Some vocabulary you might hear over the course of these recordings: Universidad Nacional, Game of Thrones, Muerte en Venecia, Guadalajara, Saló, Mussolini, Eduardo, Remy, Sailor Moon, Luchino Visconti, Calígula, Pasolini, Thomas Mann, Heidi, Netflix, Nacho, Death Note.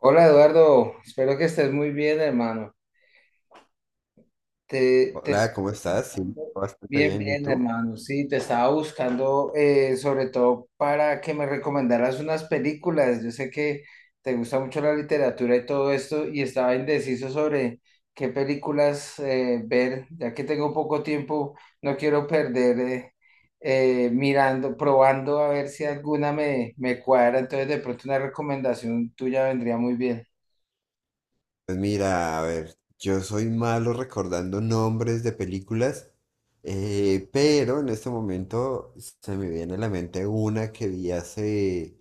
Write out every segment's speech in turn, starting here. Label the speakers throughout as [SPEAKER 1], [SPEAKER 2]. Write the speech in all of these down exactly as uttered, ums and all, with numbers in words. [SPEAKER 1] Hola Eduardo, espero que estés muy bien, hermano. Te, te
[SPEAKER 2] Hola,
[SPEAKER 1] estaba
[SPEAKER 2] ¿cómo estás? Sí,
[SPEAKER 1] buscando-
[SPEAKER 2] bastante
[SPEAKER 1] bien,
[SPEAKER 2] bien. ¿Y
[SPEAKER 1] bien,
[SPEAKER 2] tú?
[SPEAKER 1] hermano. Sí, te estaba buscando eh, sobre todo para que me recomendaras unas películas. Yo sé que te gusta mucho la literatura y todo esto, y estaba indeciso sobre qué películas eh, ver, ya que tengo poco tiempo, no quiero perder eh, eh, mirando, probando a ver si alguna me, me cuadra. Entonces, de pronto una recomendación tuya vendría muy bien.
[SPEAKER 2] Pues mira, a ver, yo soy malo recordando nombres de películas, eh, pero en este momento se me viene a la mente una que vi hace,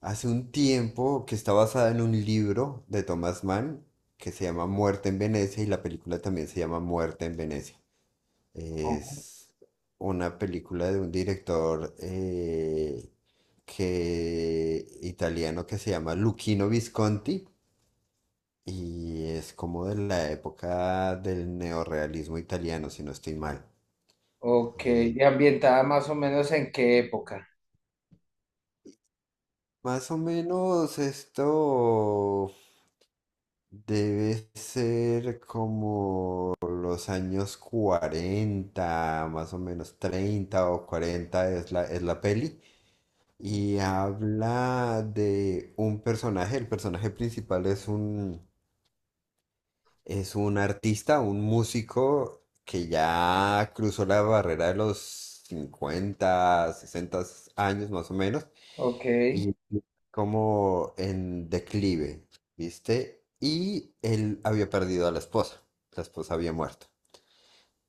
[SPEAKER 2] hace un tiempo que está basada en un libro de Thomas Mann que se llama Muerte en Venecia, y la película también se llama Muerte en Venecia. Es una película de un director eh, que, italiano que se llama Luchino Visconti, y es como de la época del neorrealismo italiano, si no estoy mal.
[SPEAKER 1] Ok,
[SPEAKER 2] Eh,
[SPEAKER 1] y ambientada más o menos en qué época.
[SPEAKER 2] más o menos esto debe ser como los años cuarenta, más o menos treinta o cuarenta es la, es la peli. Y habla de un personaje. El personaje principal es un, es un artista, un músico que ya cruzó la barrera de los cincuenta sesenta años más o menos,
[SPEAKER 1] Ok,
[SPEAKER 2] y como en declive, ¿viste? Y él había perdido a la esposa, la esposa había muerto.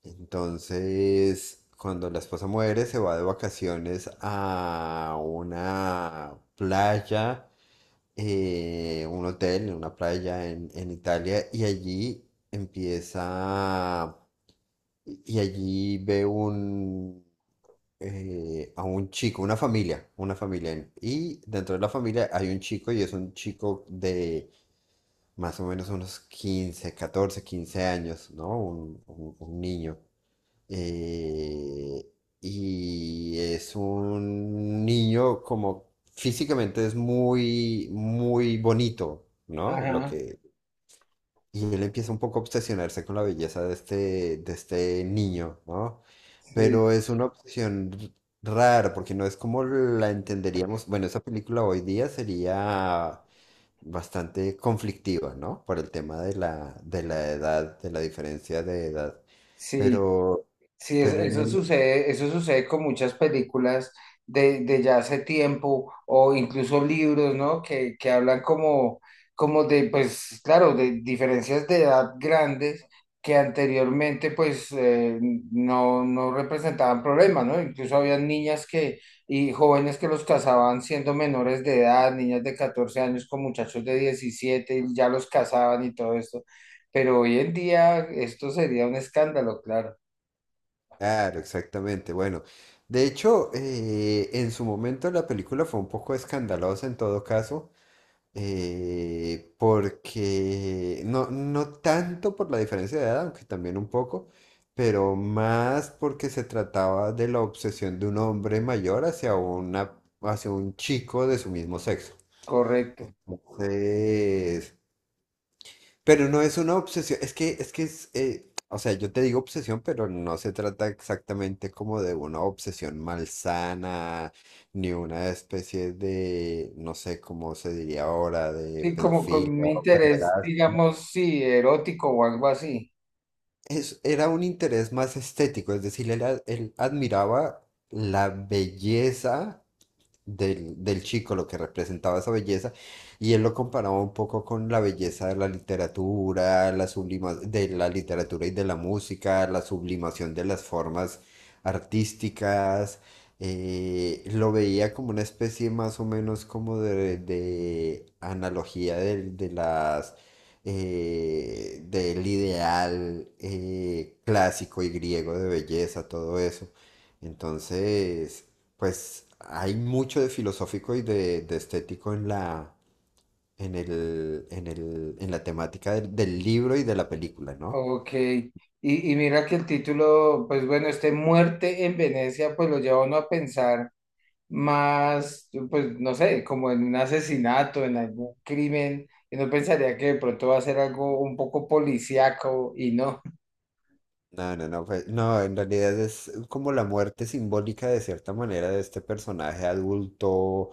[SPEAKER 2] Entonces, cuando la esposa muere, se va de vacaciones a una playa, eh, un hotel en una playa en, en Italia, y allí empieza, y allí ve un, eh, a un chico, una familia, una familia. en- Y dentro de la familia hay un chico, y es un chico de más o menos unos quince catorce quince años, ¿no? Un un- un niño, eh, y es un niño como físicamente es muy, muy bonito, ¿no? Lo
[SPEAKER 1] ajá,
[SPEAKER 2] que, y él empieza un poco a obsesionarse con la belleza de este, de este niño, ¿no?
[SPEAKER 1] sí,
[SPEAKER 2] Pero es una obsesión r- rara, porque no es como la entenderíamos. Bueno, esa película hoy día sería bastante conflictiva, ¿no? Por el tema de la, de la edad, de la diferencia de edad.
[SPEAKER 1] sí.
[SPEAKER 2] Pero,
[SPEAKER 1] Sí, es-
[SPEAKER 2] pero en
[SPEAKER 1] eso
[SPEAKER 2] el
[SPEAKER 1] sucede, eso sucede con muchas películas de, de ya hace tiempo o incluso libros, ¿no? Que, que hablan como, como de, pues claro, de diferencias de edad grandes que anteriormente pues eh, no, no representaban problemas, ¿no? Incluso había niñas que, y jóvenes que los casaban siendo menores de edad, niñas de catorce años con muchachos de diecisiete y ya los casaban y todo esto. Pero hoy en día esto sería un escándalo, claro.
[SPEAKER 2] Claro, exactamente. Bueno, de hecho, eh, en su momento la película fue un poco escandalosa en todo caso, eh, porque no, no tanto por la diferencia de edad, aunque también un poco, pero más porque se trataba de la obsesión de un hombre mayor hacia una, hacia un chico de su mismo sexo.
[SPEAKER 1] Correcto.
[SPEAKER 2] Entonces, pero no es una obsesión, es que, es que es, eh, o sea, yo te digo obsesión, pero no se trata exactamente como de una obsesión malsana, ni una especie de, no sé cómo se diría ahora, de
[SPEAKER 1] Sí, como con
[SPEAKER 2] pedofilia
[SPEAKER 1] un
[SPEAKER 2] o
[SPEAKER 1] interés,
[SPEAKER 2] pederastia.
[SPEAKER 1] digamos, sí, erótico o algo así.
[SPEAKER 2] Es, era un interés más estético. Es decir, él, a- él admiraba la belleza del, del chico, lo que representaba esa belleza, y él lo comparaba un poco con la belleza de la literatura, la sublima, de la literatura y de la música, la sublimación de las formas artísticas. Eh, lo veía como una especie más o menos como de, de analogía del- de, las... eh, del ideal eh, clásico y griego de belleza, todo eso. Entonces, pues hay mucho de filosófico y de, de estético en la, en el, en el, en la temática del, del libro y de la película, ¿no?
[SPEAKER 1] Ok. Y, y mira que el título, pues bueno, este Muerte en Venecia, pues lo lleva a uno a pensar más, pues no sé, como en un asesinato, en algún crimen. Y no pensaría que de pronto va a ser algo un poco policíaco y no.
[SPEAKER 2] No, no, no, pues, no, en realidad es como la muerte simbólica de cierta manera de este personaje adulto,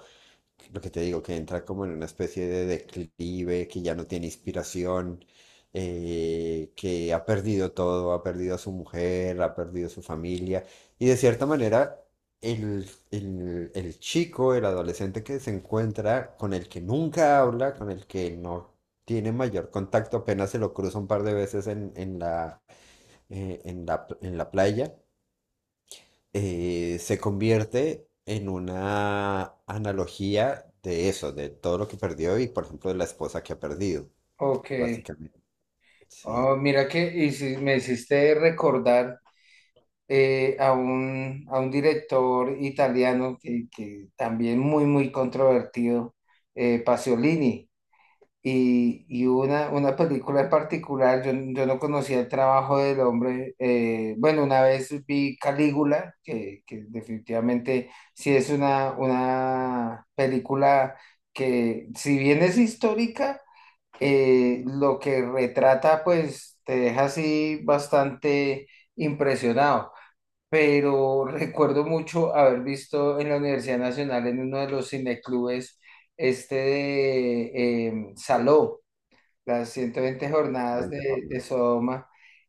[SPEAKER 2] Lo que te digo, que entra como en una especie de declive, que ya no tiene inspiración, eh, que ha perdido todo, ha perdido a su mujer, ha perdido a su familia. Y de cierta manera, el, el, el chico, el adolescente que se encuentra, con el que nunca habla, con el que no tiene mayor contacto, apenas se lo cruza un par de veces en, en la, eh, en la, en la playa, eh, se convierte en una analogía de eso, de todo lo que perdió y, por ejemplo, de la esposa que ha perdido,
[SPEAKER 1] Ok.
[SPEAKER 2] básicamente.
[SPEAKER 1] Oh,
[SPEAKER 2] Sí.
[SPEAKER 1] mira que y si me hiciste recordar. Eh, a un, a un director italiano que, que también muy, muy controvertido, eh, Pasolini. Y, y una, una película en particular, yo, yo no conocía el trabajo del hombre. Eh, bueno, una vez vi Calígula, que, que definitivamente sí es una, una película que, si bien es histórica, eh, lo que retrata, pues te deja así bastante impresionado, pero recuerdo mucho haber visto en la Universidad Nacional, en uno de los cineclubes, este de em, Saló, las ciento veinte jornadas
[SPEAKER 2] Noventa
[SPEAKER 1] de, de
[SPEAKER 2] jornadas.
[SPEAKER 1] Sodoma,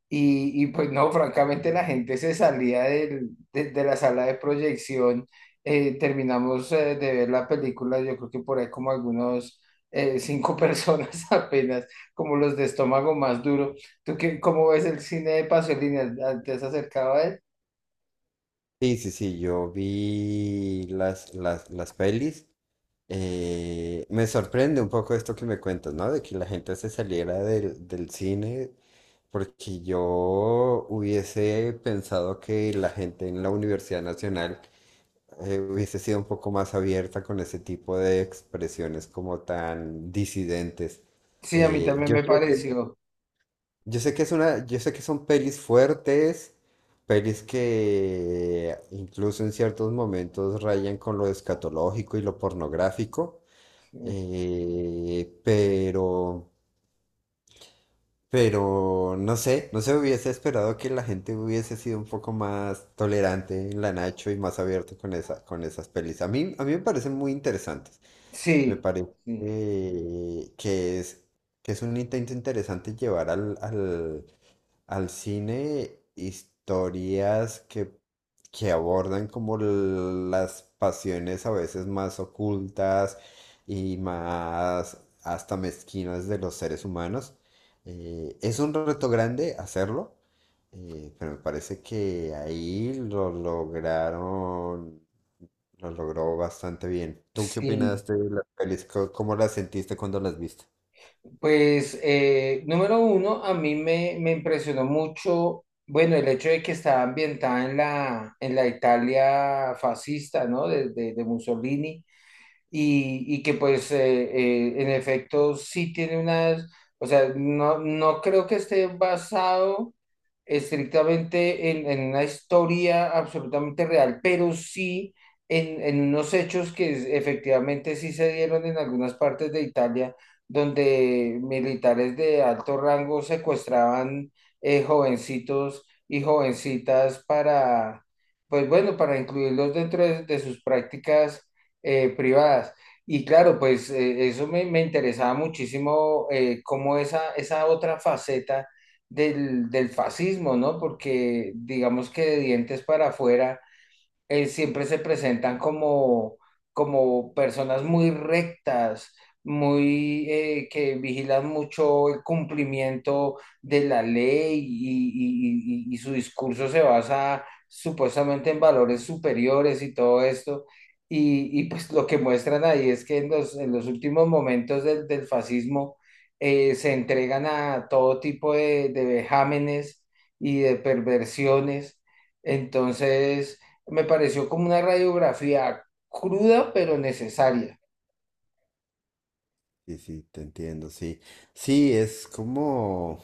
[SPEAKER 1] y, y pues no, francamente la gente se salía del- de, de la sala de proyección. Eh, terminamos eh, de ver la película, yo creo que por ahí como algunos... eh, cinco personas apenas, como los de estómago más duro. ¿Tú qué, cómo ves el cine de Pasolini? ¿Te has acercado a él?
[SPEAKER 2] Sí, sí, sí, yo vi las, las, las pelis. Eh, me sorprende un poco esto que me cuentas, ¿no? De que la gente se saliera del, del cine, porque yo hubiese pensado que la gente en la Universidad Nacional eh, hubiese sido un poco más abierta con ese tipo de expresiones como tan disidentes.
[SPEAKER 1] Sí, a mí
[SPEAKER 2] Eh,
[SPEAKER 1] también
[SPEAKER 2] yo
[SPEAKER 1] me
[SPEAKER 2] creo que,
[SPEAKER 1] pareció.
[SPEAKER 2] yo sé que es una, yo sé que son pelis fuertes, pelis que incluso en ciertos momentos rayan con lo escatológico y lo pornográfico,
[SPEAKER 1] Sí,
[SPEAKER 2] eh, pero, pero no sé, no se hubiese esperado que la gente hubiese sido un poco más tolerante en la Nacho y más abierto con esa, con esas pelis. A mí, a mí me parecen muy interesantes. Me
[SPEAKER 1] sí,
[SPEAKER 2] parece
[SPEAKER 1] sí.
[SPEAKER 2] eh, que es, que es un intento interesante llevar al, al, al cine historias que, que abordan como l- las pasiones a veces más ocultas y más hasta mezquinas de los seres humanos. Eh, es un reto grande hacerlo, eh, pero me parece que ahí lo lograron lo logró bastante bien. ¿Tú qué
[SPEAKER 1] Sí.
[SPEAKER 2] opinas de las pelis? Co- ¿Cómo las sentiste cuando las viste?
[SPEAKER 1] Pues eh, número uno, a mí me, me impresionó mucho, bueno, el hecho de que estaba ambientada en la, en la Italia fascista, ¿no? De, de- de Mussolini y, y que pues eh, eh, en efecto sí tiene unas, o sea, no, no creo que esté basado estrictamente en, en una historia absolutamente real, pero sí en, en unos hechos que es- efectivamente sí se dieron en algunas partes de Italia, donde militares de alto rango secuestraban eh, jovencitos y jovencitas para, pues bueno, para incluirlos dentro de, de sus prácticas eh, privadas. Y claro, pues eh, eso me, me interesaba muchísimo, eh, cómo esa, esa otra faceta del, del fascismo, ¿no? Porque digamos que de dientes para afuera eh, siempre se presentan como, como personas muy rectas, muy eh, que vigilan mucho el cumplimiento de la ley y, y- y- y su discurso se basa supuestamente en valores superiores y todo esto. Y, y, pues lo que muestran ahí es que en los, en los últimos momentos del, del fascismo eh, se entregan a todo tipo de, de vejámenes y de perversiones. Entonces, me pareció como una radiografía cruda, pero necesaria.
[SPEAKER 2] Sí, sí, te entiendo, sí. Sí, es como...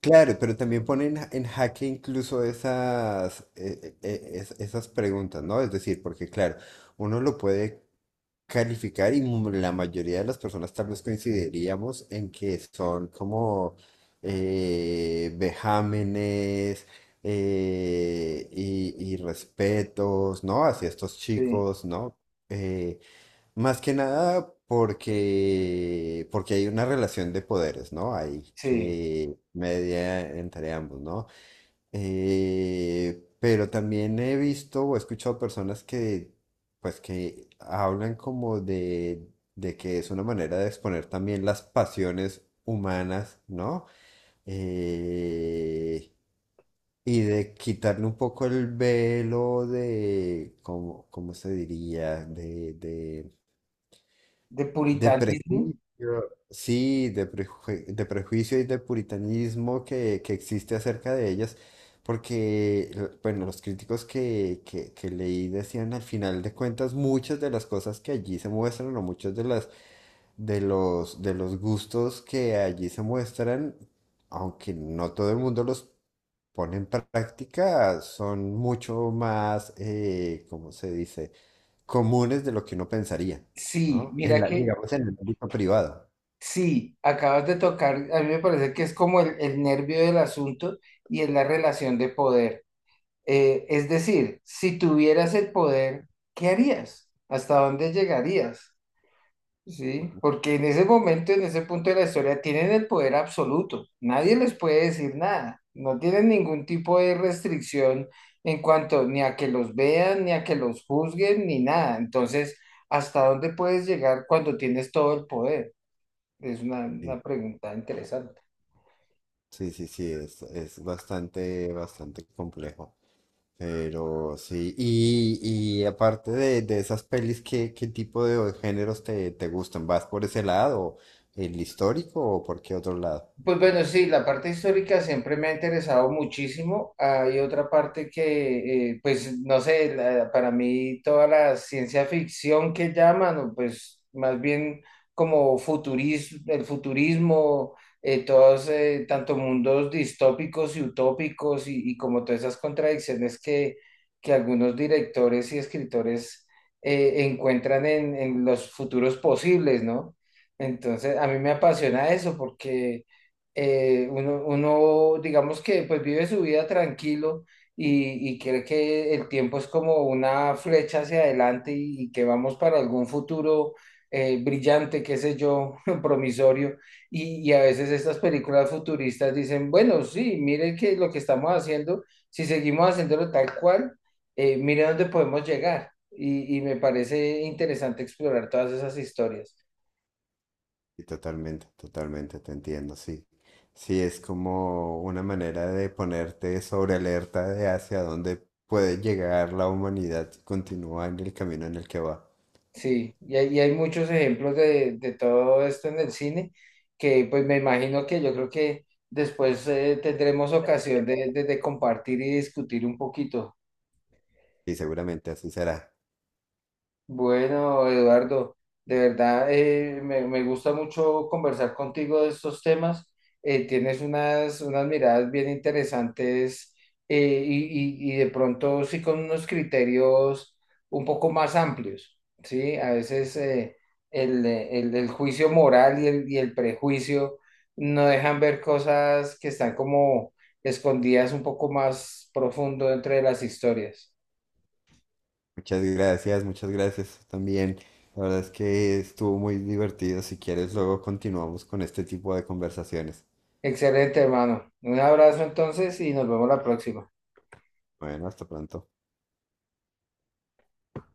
[SPEAKER 2] Claro, pero también ponen en en jaque incluso esas, eh, eh, eh, es- esas preguntas, ¿no? Es decir, porque claro, uno lo puede calificar y mu- la mayoría de las personas tal vez coincidiríamos en que son como eh, vejámenes eh, y, y respetos, ¿no? Hacia estos
[SPEAKER 1] Sí,
[SPEAKER 2] chicos, ¿no? Eh, más que nada porque, porque hay una relación de poderes, ¿no? Hay
[SPEAKER 1] sí.
[SPEAKER 2] que media entre ambos, ¿no? Eh, pero también he visto o he escuchado personas que, pues, que hablan como de, de que es una manera de exponer también las pasiones humanas, ¿no? Eh, y de quitarle un poco el velo de, ¿cómo, cómo se diría? De, de
[SPEAKER 1] De
[SPEAKER 2] de
[SPEAKER 1] puritanismo.
[SPEAKER 2] prejuicio, sí, de, prejue- de prejuicio y de puritanismo que, que existe acerca de ellas. Porque, l- bueno, los críticos que, que, que leí decían, al final de cuentas, muchas de las cosas que allí se muestran, o muchos de las, de los, de los gustos que allí se muestran, aunque no todo el mundo los pone en práctica, son mucho más, eh, ¿cómo se dice? Comunes de lo que uno pensaría,
[SPEAKER 1] Sí,
[SPEAKER 2] ¿no? En
[SPEAKER 1] mira
[SPEAKER 2] la,
[SPEAKER 1] que
[SPEAKER 2] digamos, en el ámbito privado.
[SPEAKER 1] sí, acabas de tocar, a mí me parece que es como el, el nervio del asunto y es la relación de poder. Eh, es decir, si tuvieras el poder, ¿qué harías? ¿Hasta dónde llegarías? Sí, porque en ese momento, en ese punto de la historia, tienen el poder absoluto. Nadie les puede decir nada. No tienen ningún tipo de restricción en cuanto ni a que los vean, ni a que los juzguen, ni nada. Entonces, ¿hasta dónde puedes llegar cuando tienes todo el poder? Es una,
[SPEAKER 2] Sí,
[SPEAKER 1] una pregunta interesante.
[SPEAKER 2] sí, sí, sí, es, es bastante, bastante complejo. Pero sí, y, y aparte de, de esas pelis, ¿qué, ¿qué tipo de géneros te, te gustan? ¿Vas por ese lado, el histórico, o por qué otro lado?
[SPEAKER 1] Pues bueno, sí, la parte histórica siempre me ha interesado muchísimo. Hay otra parte que, eh, pues no sé, la- para mí toda la ciencia ficción que llaman, o pues más bien como futurismo, el futurismo, eh, todos, eh, tanto mundos distópicos y utópicos y, y como todas esas contradicciones que, que algunos directores y escritores eh, encuentran en, en los futuros posibles, ¿no? Entonces, a mí me apasiona eso porque eh, uno, uno, digamos que pues vive su vida tranquilo y, y cree que el tiempo es como una flecha hacia adelante y, y que vamos para algún futuro eh, brillante, qué sé yo, promisorio. Y, y a veces estas películas futuristas dicen, bueno, sí, miren que lo que estamos haciendo, si seguimos haciéndolo tal cual, eh, miren dónde podemos llegar. Y, y me parece interesante explorar todas esas historias.
[SPEAKER 2] Y totalmente, totalmente, te entiendo, sí. Sí, es como una manera de ponerte sobre alerta de hacia dónde puede llegar la humanidad si continúa en el camino en el que va.
[SPEAKER 1] Sí, y hay, y hay muchos ejemplos de, de todo esto en el cine, que pues me imagino que yo creo que después eh, tendremos ocasión de, de de compartir y discutir un poquito.
[SPEAKER 2] Y seguramente así será.
[SPEAKER 1] Bueno, Eduardo, de verdad eh, me, me gusta mucho conversar contigo de estos temas. Eh, tienes unas, unas miradas bien interesantes eh, y, y- y de pronto sí con unos criterios un poco más amplios, ¿sí? A veces eh, el, el- el juicio moral y el, y el prejuicio no dejan ver cosas que están como escondidas un poco más profundo entre las historias.
[SPEAKER 2] Muchas gracias, muchas gracias tú también. La verdad es que estuvo muy divertido. Si quieres, luego continuamos con este tipo de conversaciones.
[SPEAKER 1] Excelente, hermano. Un abrazo entonces y nos vemos la próxima.
[SPEAKER 2] Bueno, hasta pronto.